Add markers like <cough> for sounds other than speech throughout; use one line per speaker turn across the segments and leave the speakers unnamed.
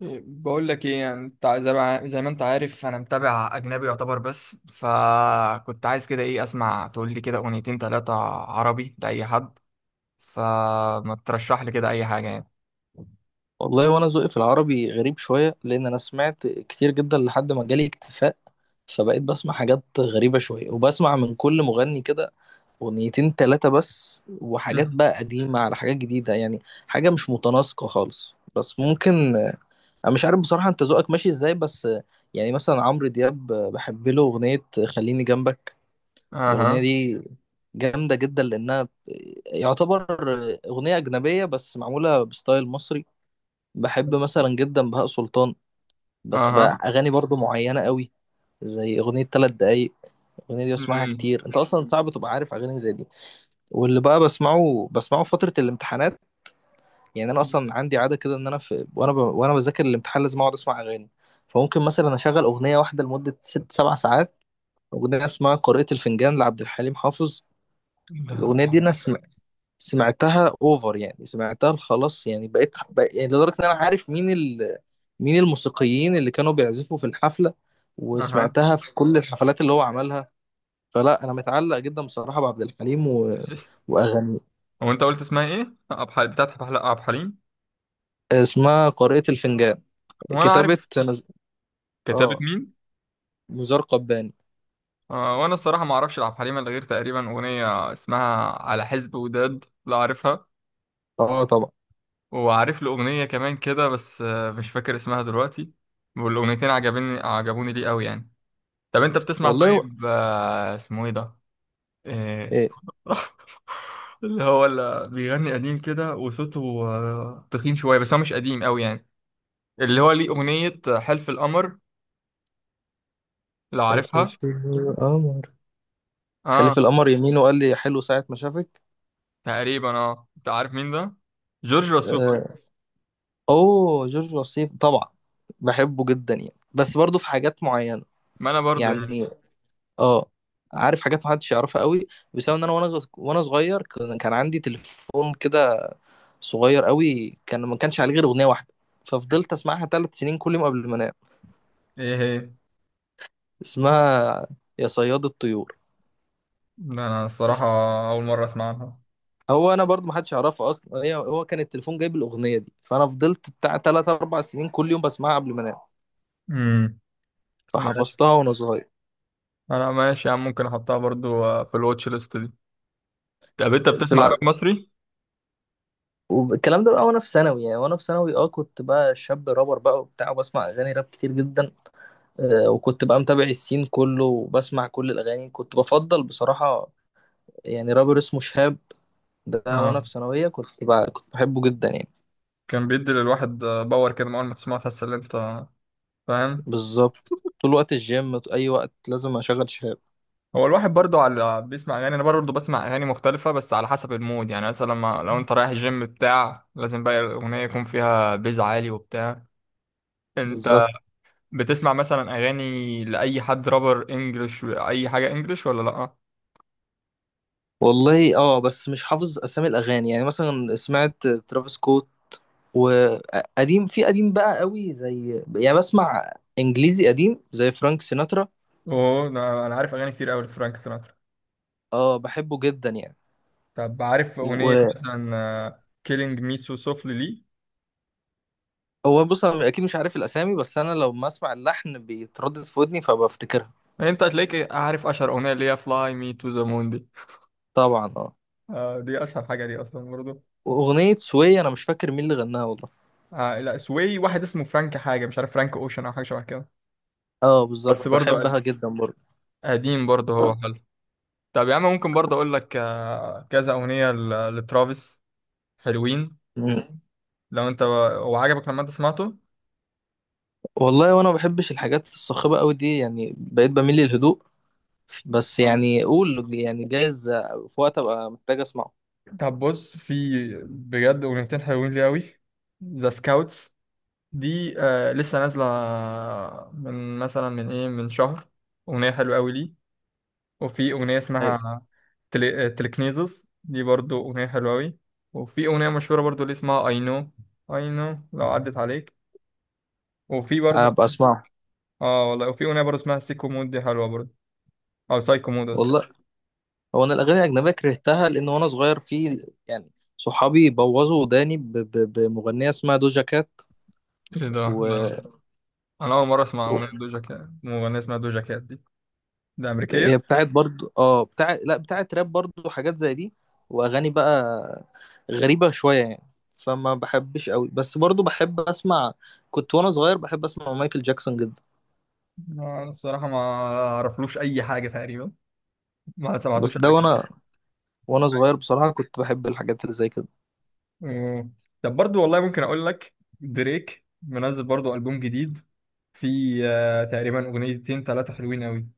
بقول لك ايه؟ يعني انت زي ما انت عارف انا متابع اجنبي يعتبر، بس فكنت عايز كده ايه، اسمع، تقول لي كده اغنيتين ثلاثة عربي لاي حد، فما ترشح لي كده اي حاجة يعني.
والله وانا ذوقي في العربي غريب شويه، لان انا سمعت كتير جدا لحد ما جالي اكتفاء. فبقيت بسمع حاجات غريبه شويه، وبسمع من كل مغني كده اغنيتين تلاتة بس،
<laughs>
وحاجات
مم.
بقى قديمه على حاجات جديده، يعني حاجه مش متناسقه خالص، بس ممكن. انا مش عارف بصراحه انت ذوقك ماشي ازاي، بس يعني مثلا عمرو دياب بحب له اغنيه خليني جنبك. الاغنيه
اها.
دي جامده جدا لانها يعتبر اغنيه اجنبيه بس معموله بستايل مصري. بحب مثلا جدا بهاء سلطان، بس بقى
اها.
اغاني برضو معينه قوي، زي اغنيه ثلاث دقايق. الاغنيه دي بسمعها
مم.
كتير، انت اصلا صعب تبقى عارف اغاني زي دي. واللي بقى بسمعه فتره الامتحانات، يعني انا اصلا عندي عاده كده، ان انا وانا بذاكر الامتحان لازم اقعد اسمع اغاني. فممكن مثلا اشغل اغنيه واحده لمده 6 7 ساعات. اغنيه اسمها قارئة الفنجان لعبد الحليم حافظ.
ده.
الاغنيه دي انا سمعتها اوفر، يعني سمعتها خلاص، يعني يعني لدرجه ان انا عارف مين الموسيقيين اللي كانوا بيعزفوا في الحفله،
اها.
وسمعتها في كل الحفلات اللي هو عملها. فلا انا متعلق جدا بصراحه بعبد الحليم
<laughs>
واغانيه.
هو انت قلت اسمها ايه؟ عبد الحليم بتاعت عبد الحليم؟
اسمها قارئة الفنجان،
هو انا
كتابه
عارف.
نز...
كتابة
اه
مين؟
نزار قباني.
آه، وانا الصراحة ما اعرفش لعبد الحليم الا غير تقريبا اغنية اسمها على حزب وداد، لا عارفها.
اه طبعا.
وعارف له أغنية كمان كده بس مش فاكر اسمها دلوقتي. والأغنيتين عجبوني ليه قوي يعني؟ طب أنت بتسمع
والله و...
طيب اسمه إيه ده؟ آه،
ايه
<laughs> اللي هو اللي بيغني قديم كده وصوته تخين شوية، بس هو مش قديم قوي يعني. اللي هو ليه أغنية حلف القمر، لو
حلف
عارفها.
القمر.
اه.
حلف القمر يمين وقال لي حلو ساعه ما شافك.
تقريبا اه. أنت عارف مين ده؟ جورج وسوف.
آه، اوه جورج وسيم طبعا، بحبه جدا، يعني بس برضه في حاجات معينه.
ما أنا برضو يعني.
يعني اه عارف حاجات محدش يعرفها قوي، بسبب ان انا وانا صغير كان عندي تليفون كده صغير قوي، كان ما كانش عليه غير اغنيه واحده، ففضلت اسمعها 3 سنين كل يوم قبل ما انام.
ايه هي؟
اسمها يا صياد الطيور.
ده أنا الصراحة أول مرة أسمع عنها.
هو انا برضه ما حدش يعرفها اصلا، هو كان التليفون جايب الاغنيه دي، فانا فضلت بتاع 3 4 سنين كل يوم بسمعها قبل ما انام،
امم.
فحفظتها وانا صغير.
انا ماشي يا عم، ممكن احطها برضو في الواتش ليست دي. طب انت
في
بتسمع راب مصري؟
والكلام ده بقى وانا في ثانوي، يعني وانا في ثانوي كنت بقى شاب رابر بقى وبتاع، وبسمع اغاني راب كتير جدا. وكنت بقى متابع السين كله، وبسمع كل الاغاني، كنت بفضل بصراحة، يعني رابر اسمه شهاب. ده وانا
اه.
في ثانوية كنت بحبه جدا يعني.
كان بيدي للواحد باور كده، من اول ما تسمعه تحس ان انت فاهم.
بالظبط، طول وقت الجيم اي وقت لازم اشغل شهاب.
هو الواحد برضو على بيسمع اغاني، انا برضو بسمع اغاني مختلفه بس على حسب المود. يعني مثلا لما لو انت رايح الجيم بتاع، لازم بقى الاغنيه يكون فيها بيز عالي وبتاع. انت
بالظبط.
بتسمع مثلا اغاني لاي حد رابر انجلش، اي حاجه انجلش ولا لا؟
والله بس مش حافظ اسامي الاغاني، يعني مثلا سمعت ترافيس سكوت وقديم، في قديم بقى قوي، زي يعني بسمع انجليزي قديم زي فرانك سيناترا.
اوه، أنا عارف اغاني كتير قوي لفرانك سيناترا.
اه بحبه جدا يعني.
طب عارف أغنية
وهو
مثلا كيلينج مي سو سوفلي لي؟
بص انا اكيد مش عارف الاسامي، بس انا لو ما اسمع اللحن بيتردد في ودني فبفتكرها.
انت هتلاقيك عارف اشهر اغنيه، اللي هي فلاي مي تو ذا مون دي.
طبعا اه.
آه دي اشهر حاجه دي اصلا برضو.
واغنيه سوية انا مش فاكر مين اللي غناها والله.
آه لا، سوي واحد اسمه فرانك حاجه، مش عارف فرانك اوشن او حاجه شبه كده.
اه بالظبط،
بس برضو
بحبها جدا برضه.
قديم برضو، هو حلو. طب يا عم ممكن برضو اقول لك آه كذا اغنيه لترافيس حلوين.
مم.
لو انت هو عجبك لما انت سمعته.
والله وانا ما بحبش الحاجات الصاخبه قوي دي، يعني بقيت بميل للهدوء، بس
آه.
يعني قول يعني جايز في وقت ابقى محتاج اسمعه.
طب بص، في بجد اغنيتين حلوين لي قوي. ذا سكاوتس دي آه لسه نازلة من مثلا من ايه، من شهر، أغنية حلوة أوي ليه. وفي أغنية
ايوه،
اسمها تلكنيزس، دي برضو أغنية حلوة أوي. وفي أغنية مشهورة برضو اللي اسمها I know، I know، لو عدت عليك. وفي برضو
ابقى اسمعه.
اه والله وفي أغنية برضو اسمها سيكو مود، دي حلوة برضو. أو سايكو مود قصدي.
والله، هو انا الاغاني الاجنبيه كرهتها، لان وانا صغير في يعني صحابي بوظوا وداني بمغنيه اسمها دوجا كات
ايه ده
و...
ده؟ أنا أول مرة أسمع
و-
أغنية دوجا كات، مغنية اسمها دوجا كات دي. ده أمريكية؟
هي بتاعت برضو، بتاع لا بتاعت راب برضو، حاجات زي دي واغاني بقى غريبة شوية يعني، فما بحبش قوي، بس برضو بحب اسمع. كنت وانا صغير بحب اسمع مايكل جاكسون جدا،
أنا الصراحة ما أعرفلوش أي حاجة تقريبا، ما سمعتوش
بس ده
قبل كده.
وانا صغير بصراحة كنت بحب الحاجات اللي زي كده.
مم. طب برضو والله ممكن اقول لك، دريك منزل برضو ألبوم جديد، في تقريبا اغنيتين ثلاثه حلوين قوي.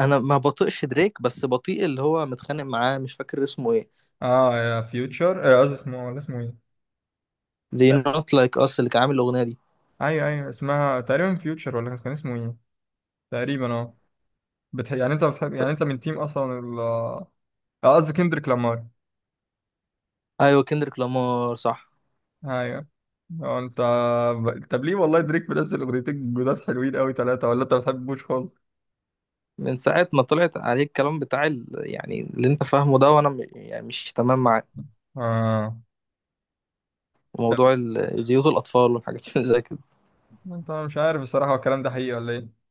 انا ما بطيقش دريك، بس بطيء اللي هو متخانق معاه مش فاكر اسمه ايه.
اه يا فيوتشر قصدي اسمه، ولا اسمه ايه؟
They
تق-
not like us اللي كان عامل الاغنية دي.
ايوه ايوه، اسمها تقريبا فيوتشر، ولا كان اسمه ايه؟ تقريبا اه. يعني انت بتحب، يعني انت من تيم اصلا ال قصدي كندريك لامار.
ايوه كندريك لامار، صح.
ايوه. انت طب ليه؟ والله دريك منزل اغنيتين جداد حلوين قوي ثلاثه، ولا انت ما بتحبوش خالص؟
من ساعة ما طلعت عليه الكلام بتاع يعني اللي انت فاهمه ده، وانا يعني مش تمام معاه،
اه. طب
وموضوع زيوت الأطفال والحاجات <laughs> اللي زي كده.
انت، أنا مش عارف الصراحه هو الكلام ده حقيقي ولا ايه؟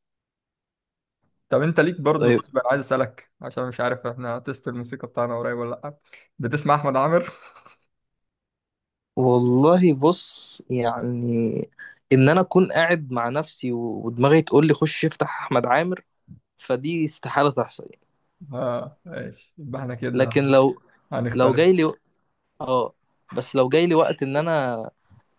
طب انت ليك برضه
طيب.
طيب، انا عايز اسالك عشان مش عارف احنا تيست الموسيقى بتاعنا قريب ولا لا. بتسمع احمد عامر؟ <laughs>
والله بص يعني، إن أنا أكون قاعد مع نفسي ودماغي تقول لي خش افتح أحمد عامر، فدي استحالة تحصل يعني.
اه ماشي، يبقى احنا كده
لكن لو
هنختلف.
جاي لي آه بس لو جاي لي وقت إن أنا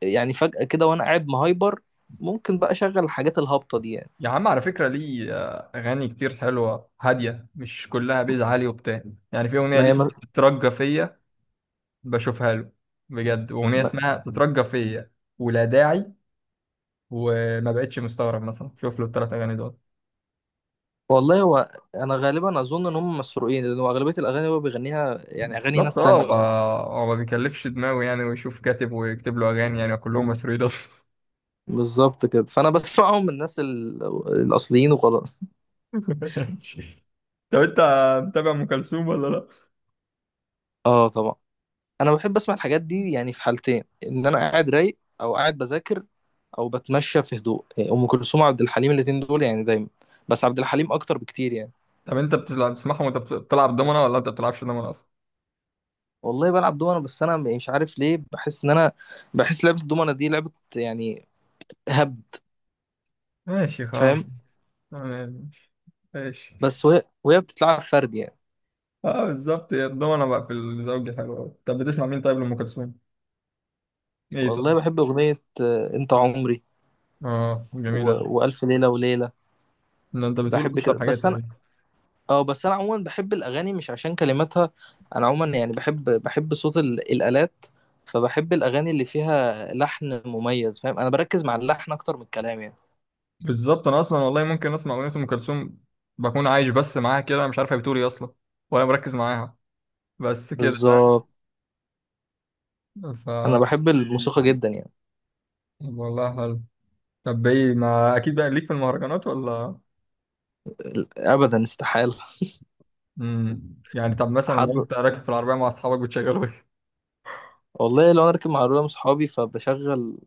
يعني فجأة كده وأنا قاعد مهايبر، ممكن بقى أشغل الحاجات الهابطة دي يعني.
يا عم على فكره ليه اغاني كتير حلوه هاديه، مش كلها بيز عالي وبتاع. يعني في اغنيه
ما
ليه
هي
اسمها تترجى فيا، بشوفها له بجد، اغنيه
ما-
اسمها تترجى فيا، ولا داعي. وما بقتش مستغرب، مثلا شوف له الثلاث اغاني دول.
والله، هو أنا غالبا أظن إن هم مسروقين، لأن هو أغلبية الأغاني اللي هو بيغنيها يعني أغاني
بالظبط
ناس
اه.
تانية
هو
أصلا.
هو ما بيكلفش دماغه يعني ويشوف كاتب ويكتب له اغاني، يعني كلهم مسروقين اصلا.
بالظبط كده، فانا بسمعهم من الناس الاصليين وخلاص.
ماشي. طب انت متابع ام كلثوم ولا لا؟
اه طبعا. انا بحب اسمع الحاجات دي يعني في حالتين، ان انا قاعد رايق او قاعد بذاكر او بتمشى في هدوء، يعني ام كلثوم وعبد الحليم الاتنين دول يعني دايما، بس عبد الحليم اكتر بكتير يعني.
طب انت بتلعب بتسمعهم وانت بتلعب دومنة، ولا انت بتلعبش دومنة اصلا؟
والله بلعب دومنه، بس انا مش عارف ليه بحس ان انا بحس لعبه الدومنه دي لعبه يعني هبد،
ماشي خلاص.
فاهم؟
تمام ماشي. ماشي.
بس وهي بتتلعب فرد يعني.
اه بالظبط، هي الدومنة بقى في الزوجي حلوة أوي. طب بتسمع مين طيب لأم كلثوم؟ ايه طب؟
والله بحب اغنيه انت عمري
اه
و...
جميلة.
والف ليله وليله.
ده انت بتقول
بحب كده
اشهر حاجات
بس.
تقريبا.
اه بس انا عموما بحب الاغاني مش عشان كلماتها، انا عموما يعني بحب صوت الالات، فبحب الاغاني اللي فيها لحن مميز، فاهم؟ انا بركز مع اللحن اكتر من الكلام يعني.
بالظبط، انا اصلا والله ممكن اسمع اغنية ام كلثوم، بكون عايش بس معاها كده، انا مش عارف هي بتقول ايه اصلا، ولا مركز معاها، بس كده، فاهم؟
بالظبط.
ف،
انا بحب الموسيقى جدا يعني.
والله حلو. طب ايه، ما اكيد بقى ليك في المهرجانات ولا؟
ابدا استحاله.
امم، يعني طب مثلا
حد.
لو انت راكب في العربيه مع اصحابك بتشغلوا ايه؟
والله لو انا راكب مع رولة صحابي فبشغل،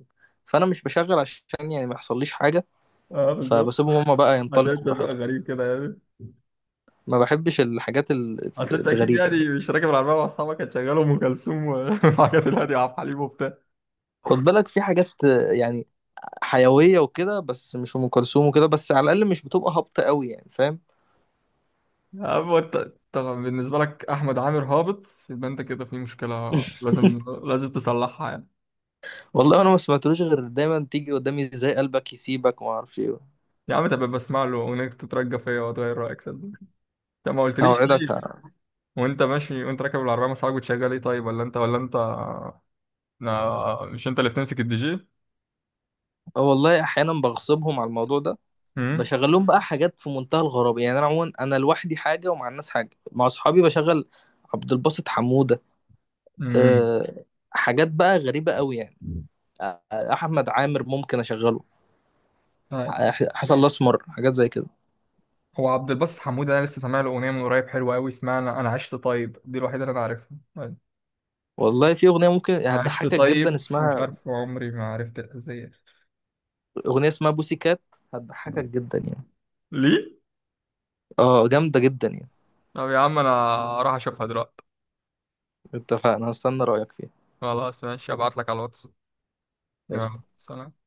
فانا مش بشغل عشان يعني ما يحصليش حاجه،
<laughs> اه بالظبط،
فبسيبهم هما بقى
عشان
ينطلقوا
انت ذوقك
براحتهم.
غريب كده يعني.
ما بحبش الحاجات
اصل انت اكيد
الغريبه يعني.
يعني مش راكب العربيه مع اصحابك هتشغلوا ام كلثوم و، <laughs> وحاجات الهاديه وعبد الحليم وبتاع.
خد بالك في حاجات يعني حيويه وكده، بس مش ام كلثوم وكده، بس على الاقل مش بتبقى هابطه قوي يعني، فاهم؟
اما انت طبعا بالنسبه لك احمد عامر هابط، يبقى انت كده في مشكله،
<laughs>
لازم تصلحها يعني.
والله انا ما سمعتلوش غير دايما تيجي قدامي ازاي قلبك يسيبك وما اعرفش ايه.
يا عم تبقى بسمع له اغنيه تترجى فيا وتغير رايك، صدق. انت ما قلتليش
اوعدك
ليه. وانت ماشي وانت راكب العربيه مع اصحابك بتشغل ايه طيب؟ ولا انت لا، مش انت اللي بتمسك الدي جي؟
آه. والله احيانا بغصبهم على الموضوع ده،
امم.
بشغل لهم بقى حاجات في منتهى الغرابه يعني. انا عموما انا لوحدي حاجه ومع الناس حاجه، مع اصحابي بشغل عبد الباسط حموده.
امم.
أه حاجات بقى غريبه قوي يعني. احمد عامر ممكن اشغله.
آه،
حسن الاسمر حاجات زي كده.
هو عبد الباسط حمود انا لسه سامع له اغنيه من قريب حلوه قوي، اسمها أنا عشت طيب، دي الوحيده اللي انا عارفها. طيب،
والله في اغنيه ممكن
انا عشت
هتضحكك جدا
طيب مش
اسمها،
عارف عمري، ما عرفت الأذية.
اغنيه اسمها بوسي كات، هتضحكك جدا يعني،
ليه؟
اه جامده جدا يعني.
طب يا عم انا اروح اشوفها دلوقتي.
اتفقنا، هستنى رايك فيها.
خلاص ماشي، ابعت لك على الواتس.
ماشي
يلا سلام.